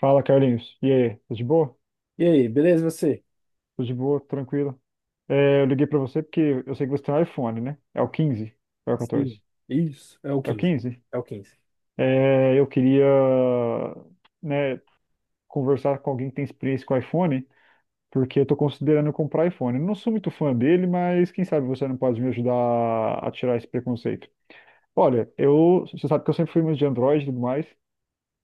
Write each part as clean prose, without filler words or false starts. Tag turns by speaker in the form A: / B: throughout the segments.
A: Fala, Carlinhos. E aí? Tudo de boa?
B: E aí, beleza você?
A: Tudo de boa, tranquilo. É, eu liguei pra você porque eu sei que você tem um iPhone, né? É o quinze. Ou é o
B: Sim.
A: 14?
B: Isso, é o
A: É o
B: quinze.
A: 15.
B: É o quinze.
A: É, eu queria, né, conversar com alguém que tem experiência com iPhone, porque eu tô considerando comprar iPhone. Eu não sou muito fã dele, mas quem sabe você não pode me ajudar a tirar esse preconceito. Olha, eu, você sabe que eu sempre fui muito de Android e tudo mais,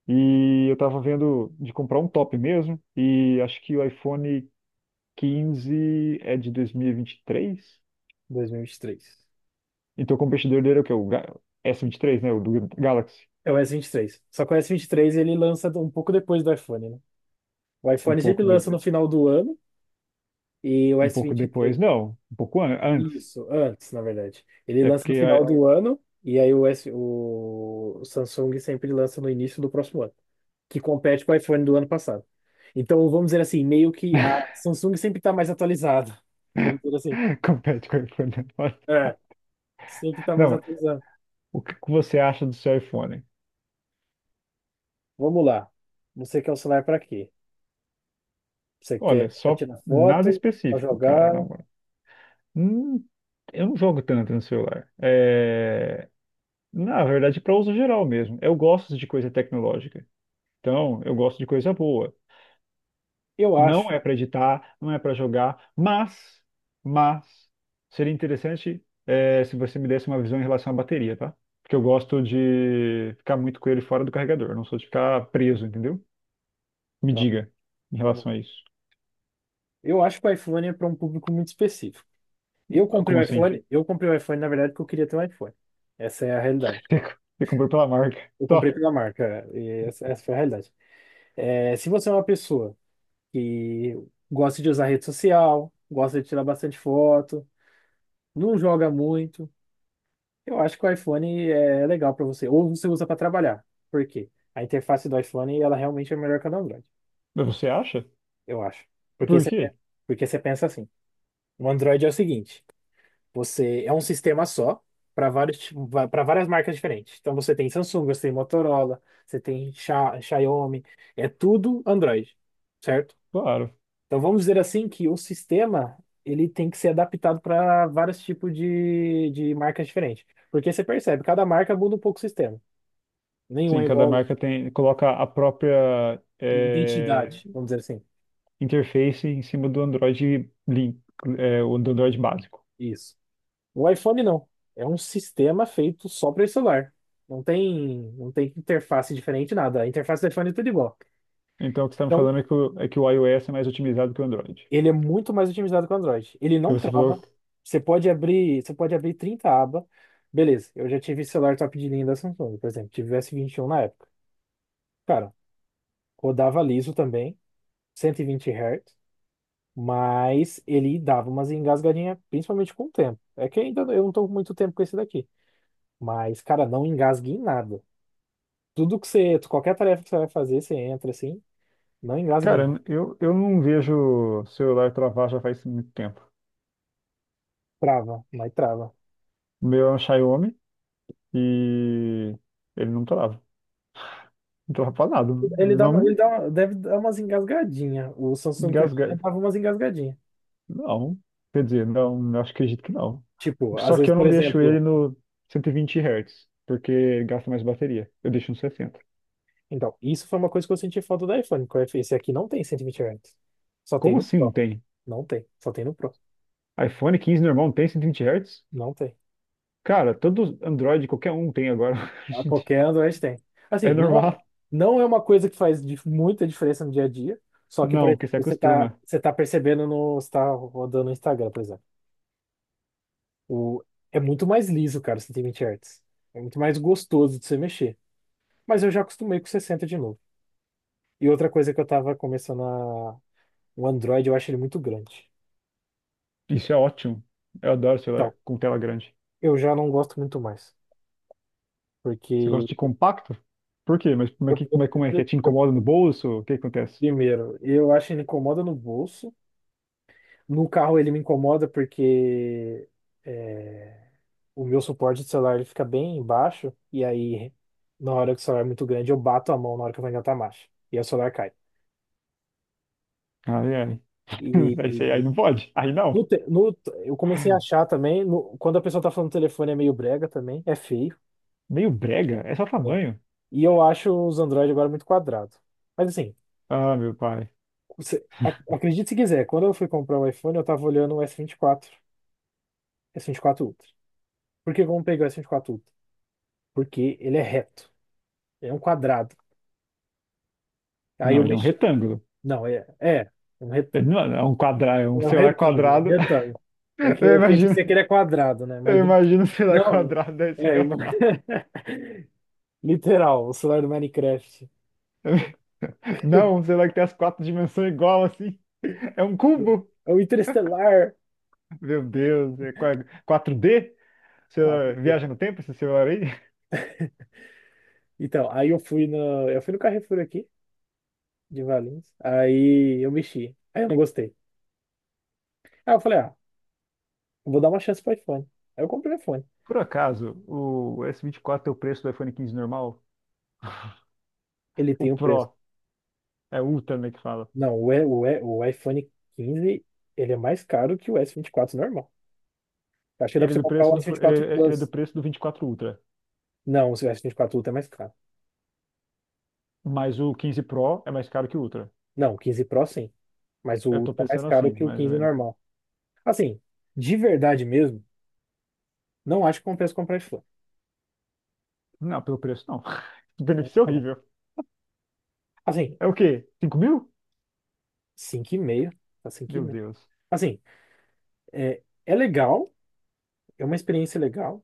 A: e eu tava vendo de comprar um top mesmo, e acho que o iPhone quinze é de dois mil e vinte e três.
B: 2023.
A: Então, o competidor dele é o quê? S vinte e três, né? O do Galaxy.
B: É o S23. Só que o S23 ele lança um pouco depois do iPhone, né? O
A: Um
B: iPhone sempre
A: pouco, de-
B: lança no final do ano e o
A: Um
B: s
A: pouco
B: vinte e
A: depois.
B: três
A: Não, um pouco antes.
B: Isso, antes, na verdade. Ele
A: É
B: lança
A: porque
B: no final
A: a-
B: do ano e aí o, S, o Samsung sempre lança no início do próximo ano, que compete com o iPhone do ano passado. Então, vamos dizer assim, meio que a Samsung sempre está mais atualizada. Vamos dizer assim.
A: compete com o iPhone agora.
B: É, sempre está mais
A: Não,
B: atualizada.
A: o que que você acha do seu iPhone?
B: Vamos lá. Você quer o celular para quê? Você quer
A: Olha,
B: para
A: só
B: tirar
A: nada
B: foto, para
A: específico, cara.
B: jogar?
A: Na moral. Hum, eu não jogo tanto no celular. É, na verdade, para uso geral mesmo. Eu gosto de coisa tecnológica. Então, eu gosto de coisa boa.
B: Eu acho.
A: Não é para editar, não é para jogar, mas seria interessante é, se você me desse uma visão em relação à bateria, tá? Porque eu gosto de ficar muito com ele fora do carregador, eu não sou de ficar preso, entendeu? Me
B: Então,
A: diga em
B: vamos.
A: relação a isso.
B: Eu acho que o iPhone é para um público muito específico. Eu
A: Ah,
B: comprei
A: como
B: o
A: assim?
B: iPhone, eu comprei o iPhone, na verdade, porque eu queria ter um iPhone. Essa é a realidade.
A: Você comprou pela marca?
B: Eu
A: Tá.
B: comprei pela marca, e essa foi a realidade. É, se você é uma pessoa que gosta de usar rede social, gosta de tirar bastante foto, não joga muito. Eu acho que o iPhone é legal para você, ou você usa para trabalhar. Por quê? A interface do iPhone, ela realmente é melhor que a do Android,
A: Mas você acha?
B: eu acho. Porque
A: Por
B: você,
A: quê?
B: pe- Porque você pensa assim, o Android é o seguinte, você é um sistema só para vários para várias marcas diferentes. Então você tem Samsung, você tem Motorola, você tem Xiaomi, é tudo Android, certo?
A: Claro.
B: Então vamos dizer assim que o sistema, ele tem que ser adaptado para vários tipos de marcas diferentes. Porque você percebe, cada marca muda um pouco o sistema. Nenhum
A: Sim,
B: é
A: cada
B: igual
A: marca tem coloca a própria,
B: à identidade, vamos dizer assim.
A: interface em cima do Android Link, o do Android básico.
B: Isso. O iPhone não. É um sistema feito só para esse celular. Não tem interface diferente, nada. A interface do iPhone é tudo igual.
A: Então, o que você está me
B: Então,
A: falando é que o iOS é mais otimizado que o Android.
B: ele é muito mais otimizado que o Android. Ele
A: Que
B: não
A: você
B: trava.
A: falou,
B: Você pode abrir 30 abas. Beleza, eu já tive celular top de linha da Samsung, por exemplo. Tive o S21 na época. Cara, rodava liso também, 120 Hz, mas ele dava umas engasgadinhas, principalmente com o tempo. É que ainda eu não tô com muito tempo com esse daqui. Mas, cara, não engasgue em nada. Tudo que você, qualquer tarefa que você vai fazer, você entra assim, não engasgue em nada.
A: cara, eu não vejo celular travar já faz muito tempo.
B: Trava, mas trava.
A: O meu é um Xiaomi e ele não trava. Não trava pra nada. Não
B: Deve dar umas engasgadinhas. O Samsung que eu
A: engasga.
B: tinha dava umas engasgadinhas.
A: Não. Quer dizer, não, não acho que acredito que não.
B: Tipo, às
A: Só que
B: vezes,
A: eu
B: por
A: não deixo
B: exemplo,
A: ele no 120 Hz, porque gasta mais bateria. Eu deixo no sessenta.
B: então, isso foi uma coisa que eu senti falta do iPhone, esse aqui não tem 120 Hz. Só tem
A: Como
B: no
A: assim não
B: Pro.
A: tem?
B: Não tem, só tem no Pro.
A: iPhone quinze normal não tem 120 Hz?
B: Não tem.
A: Cara, todo Android, qualquer um tem agora.
B: A
A: Gente,
B: qualquer Android tem.
A: é
B: Assim,
A: normal.
B: não é uma coisa que faz muita diferença no dia a dia. Só que, por
A: Não, porque
B: exemplo,
A: você acostuma.
B: você tá percebendo você tá rodando no Instagram, por exemplo. O, É muito mais liso, cara, o 120 Hz. É muito mais gostoso de você mexer. Mas eu já acostumei com 60 de novo. E outra coisa que eu tava começando a... O Android, eu acho ele muito grande.
A: Isso é ótimo. Eu adoro celular
B: Então,
A: com tela grande.
B: eu já não gosto muito mais.
A: Você
B: Porque,
A: gosta de compacto? Por quê? Mas
B: eu, eu-
A: como é que é?
B: eu-
A: Te
B: eu-
A: incomoda no bolso? O que acontece?
B: primeiro, eu acho que ele incomoda no bolso. No carro ele me incomoda porque é, o meu suporte de celular ele fica bem embaixo e aí na hora que o celular é muito grande eu bato a mão na hora que eu vou engatar a marcha e aí o celular cai.
A: Ai, ai.
B: E,
A: Aí, aí
B: e
A: não pode. Aí não.
B: no, te- no- eu comecei a achar também, quando a pessoa tá falando no telefone é meio brega também, é feio.
A: Meio brega. É só
B: É.
A: tamanho.
B: E eu acho os Android agora muito quadrado. Mas assim,
A: Ah, meu pai.
B: acredite se quiser, quando eu fui comprar o iPhone eu tava olhando o S24 S24 Ultra. Por que vamos pegar o S24 Ultra? Porque ele é reto. Ele é um quadrado. Aí
A: Não,
B: eu
A: ele é um
B: mexi.
A: retângulo.
B: Não, é, é um
A: Ele
B: retângulo.
A: não é um quadrado, é
B: É
A: um
B: um
A: celular
B: retângulo, um
A: quadrado.
B: retângulo. É que
A: Eu
B: eu quis dizer que
A: imagino,
B: ele é quadrado, né?
A: eu
B: Mas
A: imagino um celular
B: não,
A: quadrado, deve ser
B: é ima-
A: engraçado.
B: literal, o celular do Minecraft.
A: Não, um celular que tem as quatro dimensões igual assim. É um cubo.
B: É o Interestelar.
A: Meu Deus, 4D? Você
B: 4D
A: viaja no tempo esse celular aí?
B: Então, aí eu fui no Carrefour aqui de Valinhos. Aí eu mexi. Aí eu não gostei. Aí eu falei, ah, eu vou dar uma chance pro iPhone. Aí eu comprei o iPhone.
A: Por acaso, o S24 é o preço do iPhone 15 normal?
B: Ele
A: O
B: tem um preço.
A: Pro, é Ultra, né, que fala.
B: Não, o iPhone 15 ele é mais caro que o S24 normal. Acho que dá pra você comprar o S24
A: Ele é do
B: Plus.
A: preço do 24 Ultra.
B: Não, o S24 Ultra é mais caro.
A: Mas o 15 Pro é mais caro que o Ultra.
B: Não, o 15 Pro sim. Mas o
A: Eu tô
B: Ultra é mais
A: pensando assim,
B: caro que o
A: mais ou
B: 15
A: menos.
B: normal. Assim, de verdade mesmo, não acho que compensa comprar esse fone.
A: Não, pelo preço não. O benefício é horrível.
B: Assim,
A: É o quê? 5 mil?
B: 5,5. Tá cinco e
A: Meu
B: meio
A: Deus.
B: Assim, é, é legal. É uma experiência legal.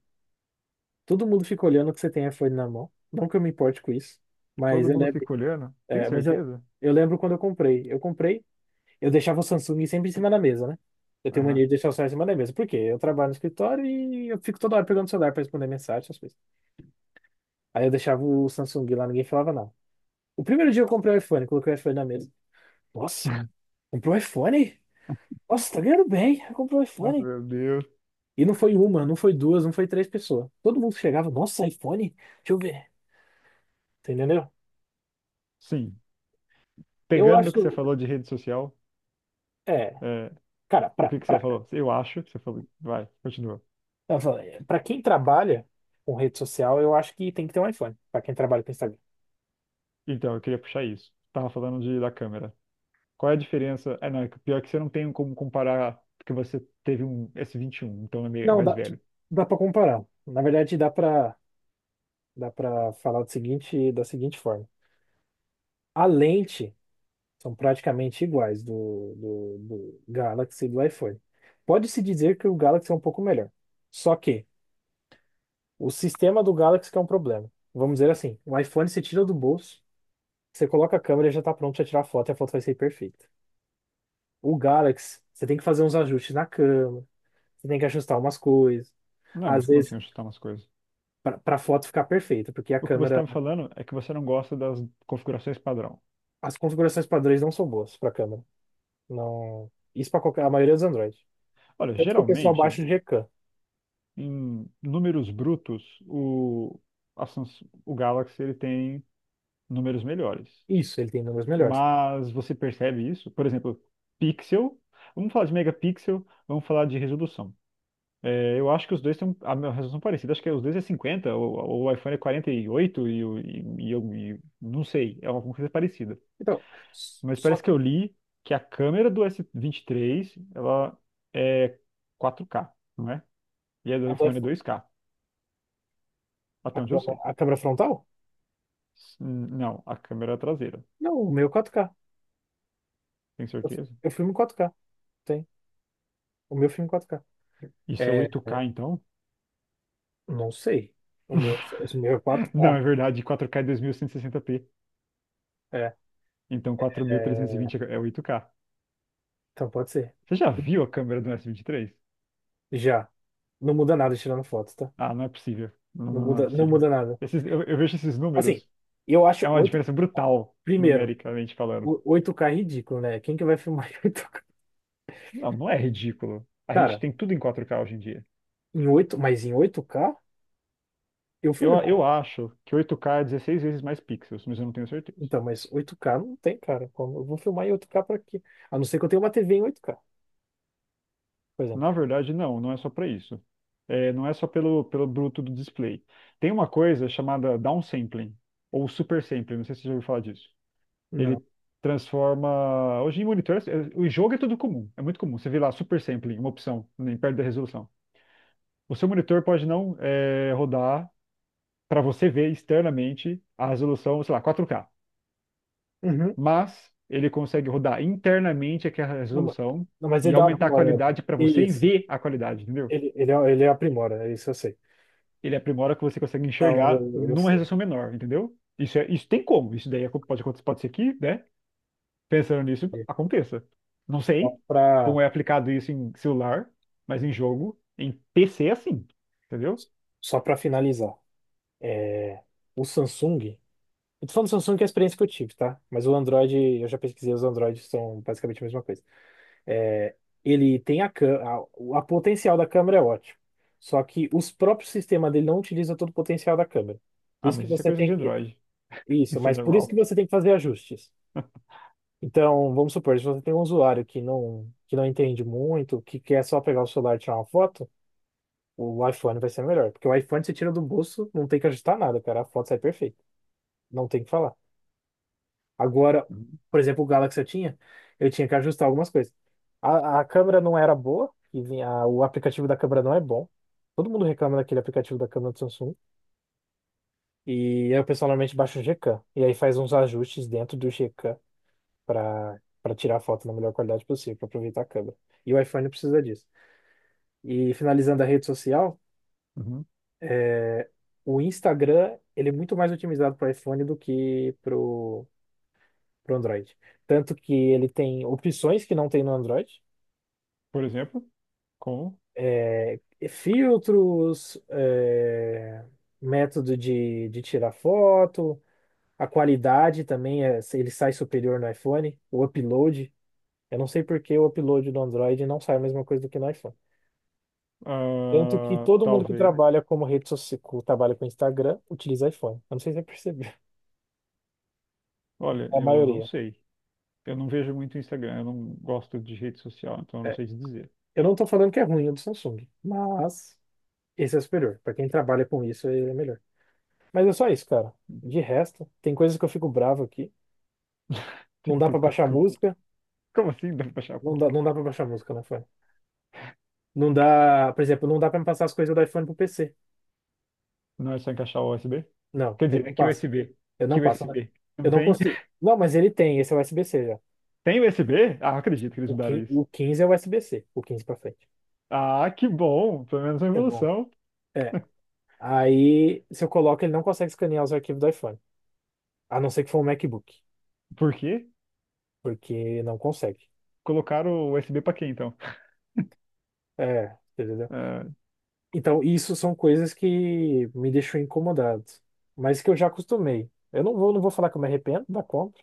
B: Todo mundo fica olhando que você tem iPhone na mão. Não que eu me importe com isso. Mas
A: Todo
B: eu
A: mundo
B: lembro.
A: fica olhando. Tem
B: É, mas eu,
A: certeza?
B: eu lembro quando eu comprei. Eu comprei. Eu deixava o Samsung sempre em cima da mesa, né? Eu tenho
A: Aham.
B: mania de deixar o celular em cima da mesa. Por quê? Eu trabalho no escritório e eu fico toda hora pegando o celular pra responder mensagem, essas coisas. Aí eu deixava o Samsung lá, ninguém falava nada. O primeiro dia eu comprei o iPhone, coloquei o iPhone na mesa. Nossa, comprou o iPhone? Nossa, tá ganhando bem, comprou o
A: Ah,
B: iPhone.
A: meu Deus.
B: E não foi uma, não foi duas, não foi três pessoas. Todo mundo chegava, nossa, iPhone? Deixa eu ver. Você entendeu?
A: Sim.
B: Eu
A: Pegando no que você
B: acho,
A: falou de rede social,
B: é,
A: é,
B: cara,
A: o que que você falou? Eu acho que você falou. Vai, continua.
B: eu falo, é, pra quem trabalha com rede social, eu acho que tem que ter um iPhone. Pra quem trabalha com Instagram.
A: Então, eu queria puxar isso. Tava falando da câmera. Qual é a diferença? É, não, pior que você não tem como comparar, porque você teve um S21, então é
B: Não,
A: mais velho.
B: dá para comparar. Na verdade, dá para falar do seguinte, da seguinte forma. A lente são praticamente iguais do Galaxy e do iPhone. Pode-se dizer que o Galaxy é um pouco melhor. Só que o sistema do Galaxy que é um problema. Vamos dizer assim, o iPhone você tira do bolso, você coloca a câmera e já está pronto para tirar a foto e a foto vai sair perfeita. O Galaxy, você tem que fazer uns ajustes na câmera, você tem que ajustar umas coisas.
A: Não, mas
B: Às
A: como
B: vezes,
A: assim eu chutar umas coisas?
B: para a foto ficar perfeita, porque a
A: O que você tá
B: câmera...
A: me falando é que você não gosta das configurações padrão.
B: As configurações padrões não são boas para câmera. Não, isso para qualquer, a maioria dos Android.
A: Olha,
B: Tanto que o pessoal
A: geralmente,
B: baixa de Recan.
A: em números brutos, o Galaxy ele tem números melhores.
B: Isso, ele tem números melhores.
A: Mas você percebe isso? Por exemplo, pixel. Vamos falar de megapixel, vamos falar de resolução. É, eu acho que os dois têm a minha resolução parecida. Acho que os dois é 50, o iPhone é quarenta e oito, não sei, é uma coisa parecida.
B: Então,
A: Mas
B: só
A: parece
B: que
A: que eu li que a câmera do S23 ela é 4K, não é? E a do
B: a, do
A: iPhone é
B: iPhone-
A: 2K, até onde eu sei.
B: a câmera frontal?
A: Não, a câmera é traseira,
B: Não, o meu 4K.
A: tenho certeza.
B: Eu filmo em 4K. Tem. O meu filme 4K.
A: Isso é
B: É,
A: oito
B: é,
A: k então?
B: não sei. O meu, o meu é
A: Não,
B: 4K.
A: é verdade, quatro k é 2160p.
B: É,
A: Então quatro mil trezentos e
B: é,
A: vinte é 8K.
B: então pode ser.
A: Você já viu a câmera do s vinte e três?
B: Já. Não muda nada tirando foto, tá?
A: Ah, não é possível. Não,
B: Não
A: não, não é
B: muda, não
A: possível.
B: muda nada.
A: Eu vejo esses
B: Assim,
A: números.
B: eu acho
A: É uma
B: oito.
A: diferença brutal,
B: Primeiro,
A: numericamente falando.
B: 8K é ridículo, né? Quem que vai filmar em 8K?
A: Não, não é ridículo. A gente
B: Cara,
A: tem tudo em 4K hoje em dia.
B: em 8 mas em 8K. Eu fui
A: Eu,
B: me
A: eu
B: comprar.
A: acho que 8K é 16 vezes mais pixels, mas eu não tenho certeza.
B: Então, mas 8K não tem, cara. Como eu vou filmar em 8K pra quê? A não ser que eu tenha uma TV em 8K, por exemplo.
A: Na verdade, não, não é só para isso. É, não é só pelo bruto do display. Tem uma coisa chamada downsampling, ou supersampling, não sei se você já ouviu falar disso.
B: Não.
A: Ele transforma. Hoje em monitor, o jogo é tudo comum, é muito comum. Você vê lá supersampling, uma opção, nem perto da resolução. O seu monitor pode não, rodar para você ver externamente a resolução, sei lá, 4K,
B: Uhum.
A: mas ele consegue rodar internamente aquela
B: Não, ma-
A: resolução
B: não, mas
A: e
B: ele dá uma
A: aumentar a
B: aprimorada.
A: qualidade para você
B: Isso.
A: ver a qualidade, entendeu?
B: É, ele aprimora, é isso eu sei.
A: Ele aprimora o que você consegue
B: Não,
A: enxergar
B: eu
A: numa
B: sei.
A: resolução menor, entendeu? Isso, é, isso tem como, isso daí pode ser que, né? Pensando nisso, aconteça. Não
B: Só
A: sei
B: pra,
A: como é aplicado isso em celular, mas em jogo, em PC é assim, entendeu?
B: só pra finalizar. É, o Samsung. Eu tô falando do Samsung que é a experiência que eu tive, tá? Mas o Android, eu já pesquisei, os Androids são basicamente a mesma coisa. É. Ele tem a, cã- a, o- a potencial da câmera é ótimo. Só que os próprios sistemas dele não utilizam todo o potencial da câmera. Por
A: Ah,
B: isso que
A: mas isso é
B: você
A: coisa de
B: tem que...
A: Android,
B: Isso,
A: isso é
B: mas por isso que
A: normal.
B: você tem que fazer ajustes. Então, vamos supor, se você tem um usuário que não entende muito, que quer só pegar o celular e tirar uma foto, o iPhone vai ser melhor. Porque o iPhone você tira do bolso, não tem que ajustar nada, cara. A foto sai perfeita. Não tem o que falar. Agora,
A: Uhum.
B: por exemplo, o Galaxy eu tinha que ajustar algumas coisas. A câmera não era boa, e vinha, o aplicativo da câmera não é bom. Todo mundo reclama daquele aplicativo da câmera do Samsung. E eu pessoalmente baixo o Gcam. E aí faz uns ajustes dentro do Gcam para tirar a foto na melhor qualidade possível, para aproveitar a câmera. E o iPhone precisa disso. E finalizando a rede social,
A: Uhum.
B: é, o Instagram, ele é muito mais otimizado para iPhone do que pro Android. Tanto que ele tem opções que não tem no Android.
A: Por exemplo, como?
B: É, filtros, é, método de tirar foto, a qualidade também, é, ele sai superior no iPhone, o upload. Eu não sei por que o upload do Android não sai a mesma coisa do que no iPhone. Tanto que
A: Ah,
B: todo mundo que
A: talvez.
B: trabalha como rede social, trabalha com Instagram, utiliza iPhone. Eu não sei se você percebeu,
A: Olha,
B: a
A: eu não
B: maioria.
A: sei. Eu não vejo muito Instagram, eu não gosto de rede social, então eu não
B: É,
A: sei te dizer.
B: eu não estou falando que é ruim o do Samsung, mas esse é superior. Para quem trabalha com isso, ele é melhor. Mas é só isso, cara. De resto, tem coisas que eu fico bravo aqui. Não
A: Tem
B: dá pra
A: coisa que eu
B: baixar
A: fico.
B: música.
A: Como assim? Dá pra encaixar a
B: Não dá,
A: música?
B: não dá para baixar música no iPhone. Não dá, por exemplo, não dá pra me passar as coisas do iPhone pro PC.
A: Não é só encaixar o USB?
B: Não,
A: Quer
B: ele
A: dizer, é
B: não
A: que
B: passa.
A: USB.
B: Eu
A: Que
B: não passo, né?
A: USB.
B: Eu
A: Não
B: não
A: tem?
B: consigo. Não, mas ele tem, esse é USB-C já.
A: Tem USB? Ah, eu acredito que eles
B: O
A: mudaram
B: quin
A: isso.
B: o quinze é USB-C, o 15 pra frente.
A: Ah, que bom! Pelo menos uma
B: É bom.
A: evolução.
B: É. Aí, se eu coloco, ele não consegue escanear os arquivos do iPhone. A não ser que for um MacBook,
A: Por quê?
B: porque não consegue.
A: Colocaram o USB pra quê, então?
B: É, entendeu?
A: Ah,
B: Então, isso são coisas que me deixam incomodado, mas que eu já acostumei. Eu não vou falar que eu me arrependo da compra.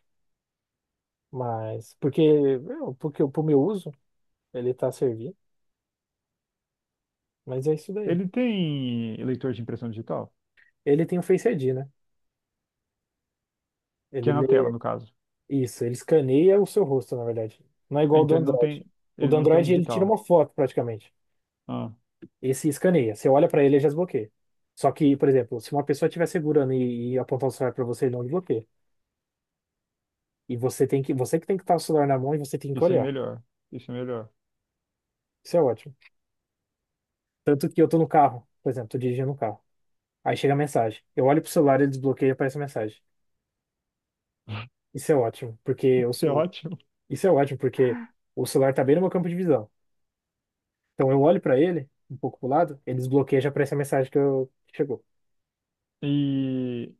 B: Mas, porque, meu, porque pro meu uso, ele tá servindo, mas é isso daí.
A: ele tem leitor de impressão digital,
B: Ele tem o Face ID, né?
A: que
B: Ele
A: é na tela,
B: lê
A: no caso.
B: isso, ele escaneia o seu rosto, na verdade. Não é igual o do
A: Então ele não
B: Android.
A: tem,
B: O
A: ele
B: do
A: não tem
B: Android, ele tira
A: digital.
B: uma foto, praticamente.
A: Ah,
B: Esse escaneia. Você olha pra ele, ele já desbloqueia. Só que, por exemplo, se uma pessoa estiver segurando e apontar o celular pra você, ele não desbloqueia. E você tem que, você que tem que estar o celular na mão e você tem que
A: isso é
B: olhar.
A: melhor. Isso é melhor.
B: Isso é ótimo. Tanto que eu tô no carro, por exemplo, tô dirigindo um carro. Aí chega a mensagem. Eu olho pro celular, ele desbloqueia e aparece a mensagem. Isso é ótimo, porque eu,
A: Isso é ótimo.
B: isso é ótimo, porque o celular tá bem no meu campo de visão. Então eu olho para ele, um pouco pro lado, ele desbloqueia e já aparece a mensagem que, eu, que chegou.
A: E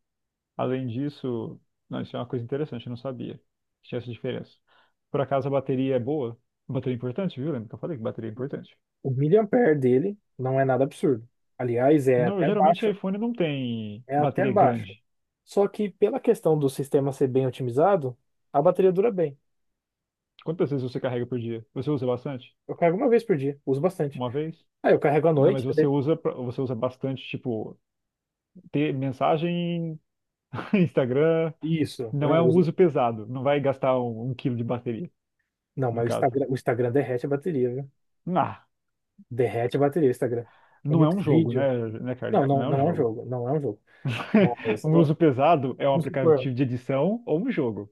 A: além disso, não, isso é uma coisa interessante, eu não sabia que tinha essa diferença. Por acaso a bateria é boa? Bateria é importante, viu? Lembra que eu falei que bateria é importante?
B: O miliampere dele não é nada absurdo. Aliás, é até
A: Geralmente
B: baixo.
A: iPhone não tem
B: É até
A: bateria
B: baixo.
A: grande.
B: Só que pela questão do sistema ser bem otimizado, a bateria dura bem.
A: Quantas vezes você carrega por dia? Você usa bastante?
B: Eu carrego uma vez por dia, uso bastante.
A: Uma vez?
B: Aí eu carrego à
A: Não,
B: noite.
A: mas você usa, pra- você usa bastante, tipo, ter mensagem, Instagram.
B: Isso, eu
A: Não
B: não
A: é um uso
B: uso.
A: pesado. Não vai gastar um quilo de bateria,
B: Não,
A: no
B: mas o
A: caso.
B: Instagram, o Instagram derrete a bateria, viu?
A: Nah.
B: Derrete a bateria, o Instagram. É
A: Não é
B: muito
A: um jogo,
B: vídeo.
A: né,
B: Não,
A: Carlinhos? Não
B: não,
A: é um
B: não é um
A: jogo.
B: jogo, não é um jogo. Mas,
A: Um
B: ó,
A: uso pesado é um
B: vamos supor,
A: aplicativo de edição ou um jogo.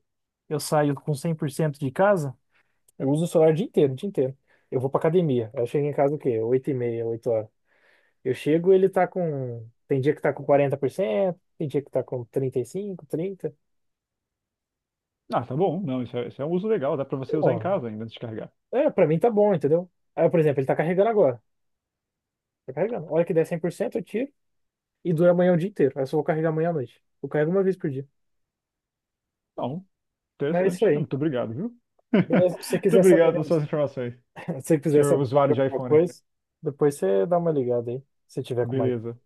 B: eu saio com 100% de casa, eu uso o celular o dia inteiro, o dia inteiro. Eu vou pra academia. Eu chego em casa o quê? Oito e meia, 8 horas. Eu chego, ele tá com. Tem dia que tá com 40%, tem dia que tá com 35, 30.
A: Ah, tá bom. Não, isso é um uso legal. Dá pra você usar em
B: Bom,
A: casa ainda antes de carregar.
B: é, pra mim tá bom, entendeu? Aí, por exemplo, ele tá carregando agora. Tá carregando. A hora que der 100%, eu tiro e dura amanhã o dia inteiro. Aí eu só vou carregar amanhã à noite. Eu carrego uma vez por dia.
A: Bom,
B: Mas é isso
A: interessante. É,
B: aí.
A: muito obrigado, viu?
B: Beleza? Se você
A: Muito
B: quiser saber
A: obrigado pelas
B: mais,
A: suas informações,
B: se você quiser
A: senhor
B: saber mais
A: usuário de
B: alguma
A: iPhone.
B: coisa, depois você dá uma ligada aí, se tiver com mais.
A: Beleza.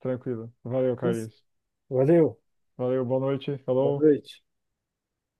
A: Tranquilo. Valeu, Carlinhos.
B: Valeu!
A: Valeu, boa noite.
B: Boa
A: Falou.
B: noite.